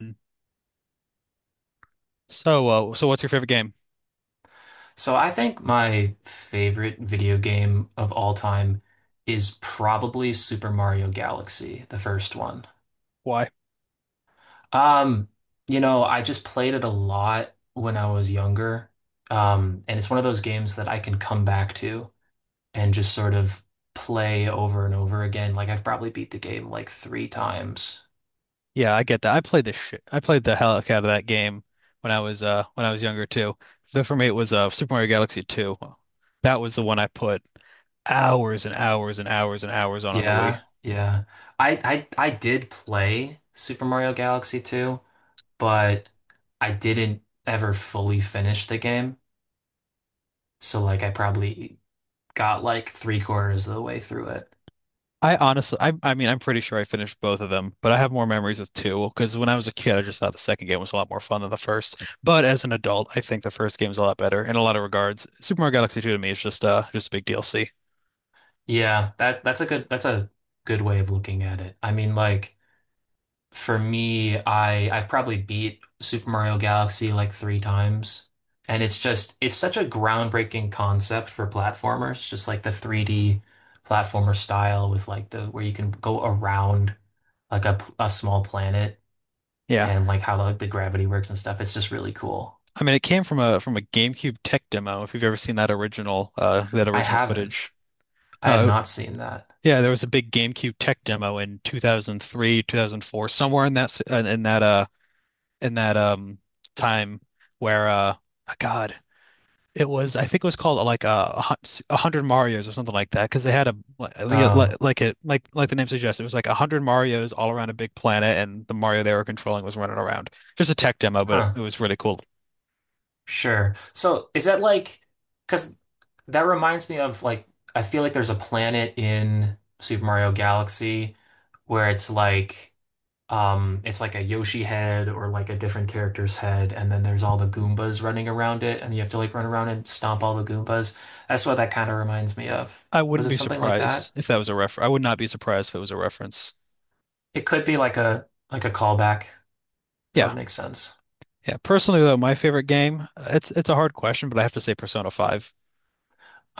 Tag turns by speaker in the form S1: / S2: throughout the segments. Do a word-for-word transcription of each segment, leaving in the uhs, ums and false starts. S1: Mm. So, uh, so what's your favorite game?
S2: So I think my favorite video game of all time is probably Super Mario Galaxy, the first one.
S1: Why?
S2: Um, you know, I just played it a lot when I was younger. Um, and it's one of those games that I can come back to and just sort of play over and over again. Like I've probably beat the game like three times.
S1: Yeah, I get that. I played the shit. I played the hell out of that game when I was uh when I was younger too. So for me, it was uh Super Mario Galaxy two. That was the one I put hours and hours and hours and hours on on the Wii.
S2: Yeah, yeah. I I I did play Super Mario Galaxy two, but I didn't ever fully finish the game. So like I probably got like three quarters of the way through it.
S1: I honestly, I I mean, I'm pretty sure I finished both of them, but I have more memories with two because when I was a kid, I just thought the second game was a lot more fun than the first. But as an adult, I think the first game's a lot better in a lot of regards. Super Mario Galaxy two to me is just uh just a big D L C.
S2: Yeah, that that's a good that's a good way of looking at it. I mean, like for me, I I've probably beat Super Mario Galaxy like three times. And it's just it's such a groundbreaking concept for platformers, just like the three D platformer style with like the where you can go around like a, p- a small planet
S1: Yeah.
S2: and like how like the gravity works and stuff. It's just really cool.
S1: I mean, it came from a from a GameCube tech demo. If you've ever seen that original uh, that
S2: I
S1: original
S2: haven't.
S1: footage,
S2: I have
S1: uh,
S2: not seen that.
S1: yeah, there was a big GameCube tech demo in two thousand three, two thousand four, somewhere in that s- in in that uh in that um time where uh oh, God, it was I think it was called uh, like uh, a hun- s- a hundred Marios or something like that because they had a li- li- li-
S2: Oh,
S1: like it like like the name suggests it was like a hundred Marios all around a big planet and the Mario they were controlling was running around. Just a tech demo, but it,
S2: huh.
S1: it was really cool.
S2: Sure. So is that like, because that reminds me of like, I feel like there's a planet in Super Mario Galaxy where it's like, um, it's like a Yoshi head or like a different character's head, and then there's all the Goombas running around it, and you have to like run around and stomp all the Goombas. That's what that kind of reminds me of.
S1: I
S2: Was
S1: wouldn't
S2: it
S1: be
S2: something like
S1: surprised
S2: that?
S1: if that was a refer. I would not be surprised if it was a reference.
S2: It could be like a like a callback. That would
S1: Yeah,
S2: make sense.
S1: yeah. Personally, though, my favorite game, it's it's a hard question, but I have to say Persona five.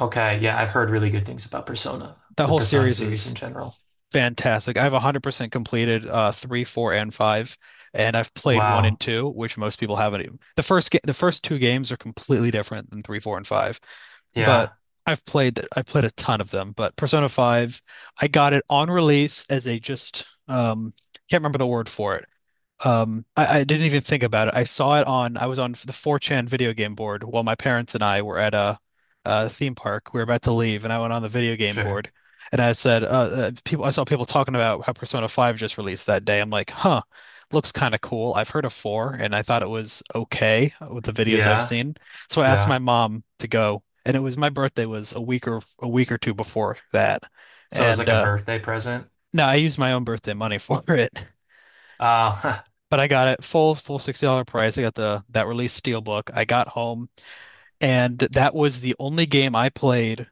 S2: Okay, yeah, I've heard really good things about Persona,
S1: That
S2: the
S1: whole
S2: Persona
S1: series
S2: series in
S1: is
S2: general.
S1: fantastic. I've one hundred percent completed uh three, four, and five, and I've played 1 and
S2: Wow.
S1: 2, which most people haven't even. The first ga- the first two games are completely different than three, four, and five, but
S2: Yeah,
S1: I've played that I played a ton of them, but Persona five, I got it on release as a, just um can't remember the word for it. Um, I, I didn't even think about it. I saw it on, I was on the four chan video game board while my parents and I were at a, a theme park. We were about to leave, and I went on the video game
S2: sure.
S1: board, and I said, uh, uh, people, I saw people talking about how Persona five just released that day. I'm like, huh, looks kind of cool. I've heard of four, and I thought it was okay with the videos I've
S2: Yeah,
S1: seen. So I asked my
S2: yeah.
S1: mom to go, and it was my birthday was a week or a week or two before that,
S2: So it was
S1: and
S2: like a
S1: uh,
S2: birthday present.
S1: no, I used my own birthday money for it.
S2: Uh,
S1: But I got it full full sixty dollars price. I got the that release Steelbook. I got home and that was the only game I played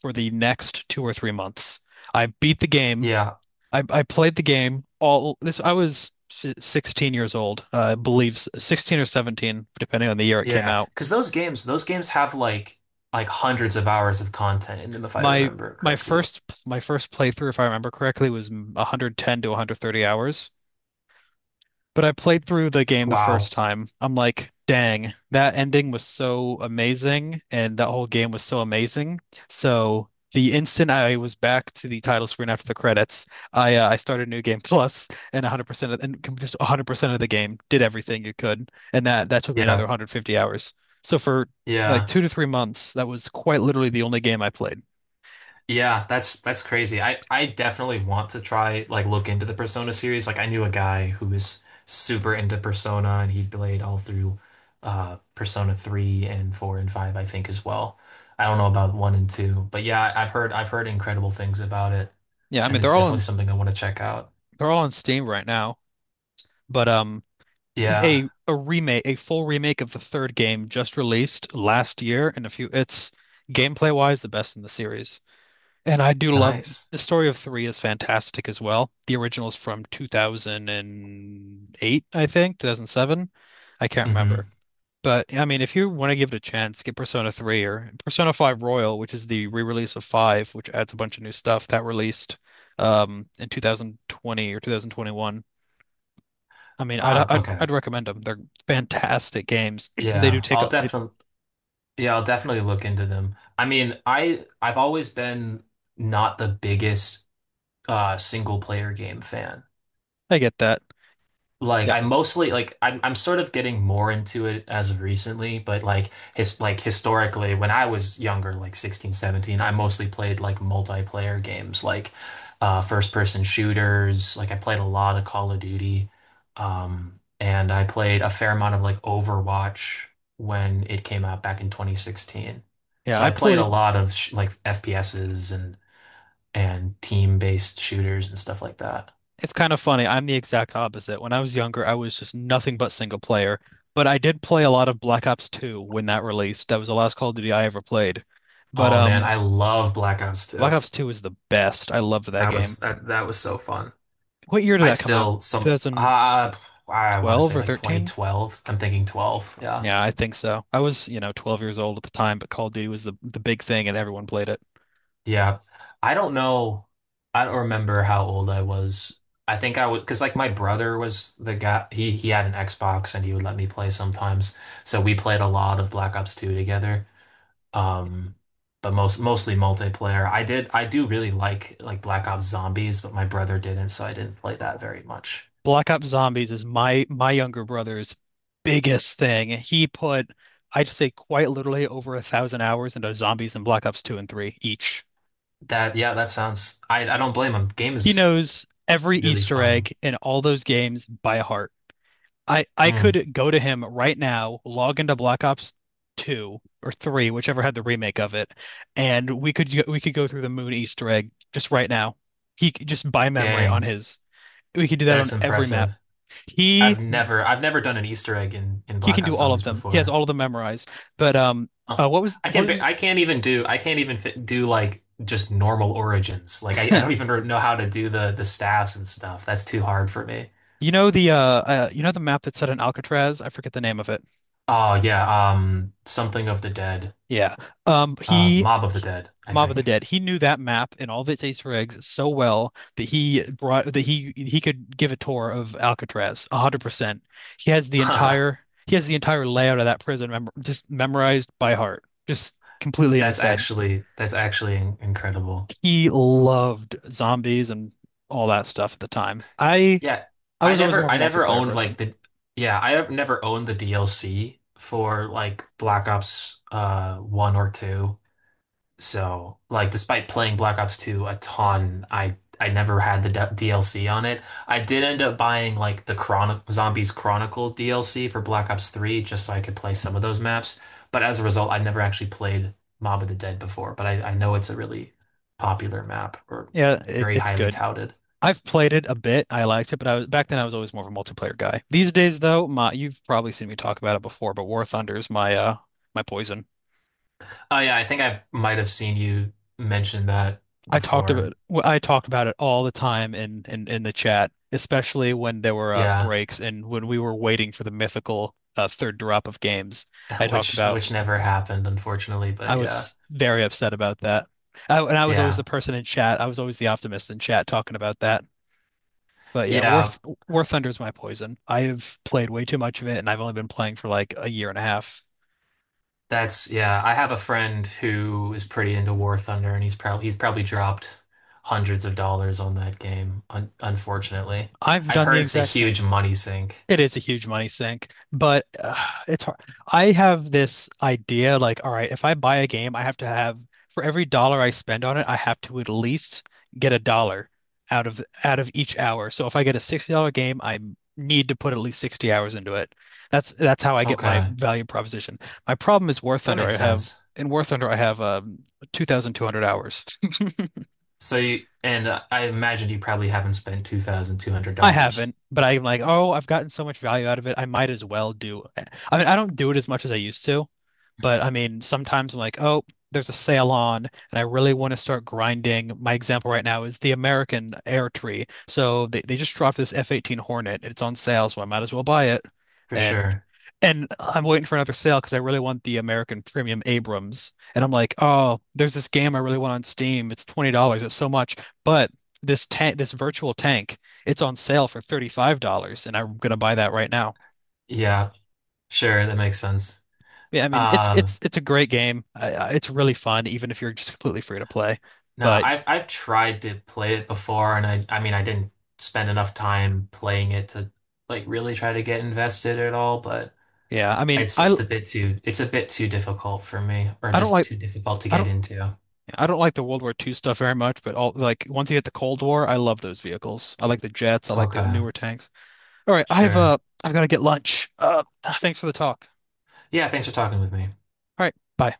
S1: for the next two or three months. I beat the game.
S2: yeah,
S1: I, I played the game all this. I was si, sixteen years old, uh, I believe sixteen or seventeen, depending on the year it came
S2: yeah.
S1: out.
S2: Because those games, those games have like like hundreds of hours of content in them, if I
S1: My
S2: remember
S1: my
S2: correctly.
S1: first my first playthrough, if I remember correctly, was a hundred ten to one hundred thirty hours. But I played through the game the first
S2: Wow.
S1: time. I'm like, dang, that ending was so amazing, and that whole game was so amazing. So the instant I was back to the title screen after the credits, I uh, I started New Game Plus, and one hundred percent of, and com- just one hundred percent of the game did everything you could, and that that took me another
S2: Yeah,
S1: one hundred fifty hours. So for like
S2: yeah.
S1: two to three months, that was quite literally the only game I played.
S2: Yeah, that's that's crazy. I I definitely want to try like look into the Persona series. Like I knew a guy who was super into Persona and he played all through uh Persona 3 and 4 and five, I think, as well. I don't know about 1 and 2, but yeah, I've heard I've heard incredible things about it,
S1: Yeah, I
S2: and
S1: mean
S2: it's
S1: they're all
S2: definitely
S1: on
S2: something I want to check out.
S1: they're all on Steam right now, but um.
S2: Yeah,
S1: a a remake, a full remake of the third game just released last year, and a few it's gameplay wise the best in the series. And I do love
S2: nice.
S1: The story of three is fantastic as well. The original is from two thousand eight, I think, two thousand seven. I can't
S2: Hmm.
S1: remember. But I mean, if you want to give it a chance, get Persona three or Persona five Royal, which is the re-release of five, which adds a bunch of new stuff that released um, in twenty twenty or two thousand twenty-one. I mean, I'd
S2: Ah,
S1: I'd
S2: okay.
S1: I'd recommend them. They're fantastic games. They do
S2: Yeah,
S1: take
S2: I'll
S1: a. They,
S2: definitely yeah, I'll definitely look into them. I mean, I I've always been not the biggest uh single player game fan.
S1: I get that.
S2: Like
S1: Yeah,
S2: I mostly like I'm I'm sort of getting more into it as of recently, but like his like historically when I was younger, like sixteen, seventeen, I mostly played like multiplayer games like uh first person shooters. Like I played a lot of Call of Duty. Um and I played a fair amount of like Overwatch when it came out back in twenty sixteen.
S1: yeah.
S2: So
S1: I
S2: I played a
S1: played.
S2: lot of sh like F P Ss and and team-based shooters and stuff like that.
S1: It's kind of funny. I'm the exact opposite. When I was younger, I was just nothing but single player. But I did play a lot of Black Ops two when that released. That was the last Call of Duty I ever played. But
S2: Oh man,
S1: um,
S2: I love Black Ops
S1: Black
S2: two.
S1: Ops two is the best. I loved that
S2: That
S1: game.
S2: was that that was so fun.
S1: What year did
S2: I
S1: that come out?
S2: still some uh I want to
S1: twenty twelve
S2: say
S1: or
S2: like
S1: thirteen?
S2: twenty twelve. I'm thinking twelve. Yeah.
S1: Yeah, I think so. I was, you know, twelve years old at the time, but Call of Duty was the the big thing and everyone played it.
S2: Yeah. I don't know. I don't remember how old I was. I think I was because like my brother was the guy he he had an Xbox and he would let me play sometimes. So we played a lot of Black Ops two together. Um but most mostly multiplayer. I did I do really like like Black Ops Zombies, but my brother didn't, so I didn't play that very much.
S1: Black Ops Zombies is my my younger brother's biggest thing. He put, I'd say quite literally over a thousand hours into Zombies and Black Ops two and three each.
S2: That yeah, that sounds. I I don't blame him. Game
S1: He
S2: is
S1: knows every
S2: really
S1: Easter
S2: fun.
S1: egg in all those games by heart. I I
S2: Hmm.
S1: could go to him right now, log into Black Ops two or three, whichever had the remake of it, and we could we could go through the moon Easter egg just right now. He just by memory on
S2: Dang,
S1: his. We could do that on
S2: that's
S1: every map.
S2: impressive. I've
S1: He
S2: never I've never done an Easter egg in in
S1: he can
S2: Black
S1: do
S2: Ops
S1: all of
S2: Zombies
S1: them. He has
S2: before.
S1: all of them memorized. But um
S2: Huh.
S1: uh what was
S2: I can't
S1: what
S2: ba-
S1: was
S2: I can't even do I can't even fit, do like just normal origins. Like I, I don't even re- know how to do the the staffs and stuff. That's too hard for me.
S1: you know the uh, uh you know the map that's set in Alcatraz? I forget the name of it.
S2: Oh yeah, um, something of the dead,
S1: Yeah. Um
S2: uh,
S1: he
S2: Mob of the Dead, I
S1: Mob of the
S2: think.
S1: Dead. He knew that map and all of its Easter eggs so well that he brought that he he could give a tour of Alcatraz one hundred percent. He has the entire he has the entire layout of that prison mem just memorized by heart, just completely in
S2: That's
S1: his head.
S2: actually that's actually in- incredible.
S1: He loved zombies and all that stuff at the time. I
S2: Yeah,
S1: I
S2: I
S1: was always more
S2: never
S1: of a
S2: I never
S1: multiplayer
S2: owned like
S1: person.
S2: the yeah, I have never owned the D L C for like Black Ops uh one or two. So, like despite playing Black Ops two a ton, I I never had the d DLC on it. I did end up buying like the Chron Zombies Chronicle D L C for Black Ops three just so I could play some of those maps, but as a result, I never actually played Mob of the Dead before, but I I know it's a really popular map or
S1: Yeah, it,
S2: very
S1: it's
S2: highly
S1: good.
S2: touted.
S1: I've played it a bit. I liked it, but I was back then I was always more of a multiplayer guy. These days though, my you've probably seen me talk about it before, but War Thunder is my uh my poison.
S2: Oh yeah, I think I might have seen you mention that
S1: I talked about
S2: before.
S1: well, I talked about it all the time in in in the chat, especially when there were uh,
S2: Yeah,
S1: breaks and when we were waiting for the mythical uh, third drop of games. I talked
S2: which
S1: about
S2: which never happened, unfortunately,
S1: I
S2: but yeah.
S1: was very upset about that. I, and I was always the
S2: Yeah.
S1: person in chat. I was always the optimist in chat talking about that. But yeah, War
S2: Yeah,
S1: Th- War Thunder is my poison. I have played way too much of it, and I've only been playing for like a year and a half.
S2: that's yeah, I have a friend who is pretty into War Thunder and he's probably he's probably dropped hundreds of dollars on that game, un unfortunately.
S1: I've
S2: I've
S1: done the
S2: heard it's a
S1: exact same.
S2: huge money sink.
S1: It is a huge money sink, but uh, it's hard. I have this idea like, all right, if I buy a game, I have to have for every dollar I spend on it, I have to at least get a dollar out of out of each hour. So if I get a sixty dollars game, I need to put at least sixty hours into it. That's that's how I get my
S2: Okay,
S1: value proposition. My problem is War
S2: that
S1: Thunder.
S2: makes
S1: I have
S2: sense.
S1: In War Thunder, I have um, two thousand two hundred hours.
S2: So you, and I imagine you probably haven't spent
S1: I
S2: two thousand two hundred dollars.
S1: haven't, but I'm like, oh, I've gotten so much value out of it. I might as well do. I mean, I don't do it as much as I used to, but I mean, sometimes I'm like, oh, there's a sale on, and I really want to start grinding. My example right now is the American Air Tree. So they, they just dropped this F eighteen Hornet. It's on sale, so I might as well buy it.
S2: For
S1: And
S2: sure.
S1: and I'm waiting for another sale because I really want the American Premium Abrams. And I'm like, oh, there's this game I really want on Steam. It's twenty dollars. It's so much, but this tank, this virtual tank it's on sale for thirty-five dollars and I'm gonna buy that right now.
S2: Yeah, sure, that makes sense.
S1: Yeah, I mean, it's
S2: Um
S1: it's it's a great game. I, I- it's really fun, even if you're just completely free to play.
S2: No,
S1: But
S2: I've I've tried to play it before, and I I mean I didn't spend enough time playing it to like really try to get invested at all, but
S1: yeah, I mean,
S2: it's
S1: I
S2: just a bit too it's a bit too difficult for me, or
S1: I don't
S2: just
S1: like
S2: too difficult to
S1: I
S2: get
S1: don't
S2: into.
S1: I don't like the World War Two stuff very much. But all like once you hit the Cold War, I love those vehicles. I like the jets. I like the
S2: Okay,
S1: newer tanks. All right, I've
S2: sure.
S1: uh I've got to get lunch. Uh, thanks for the talk.
S2: Yeah, thanks for talking with me.
S1: All right, bye.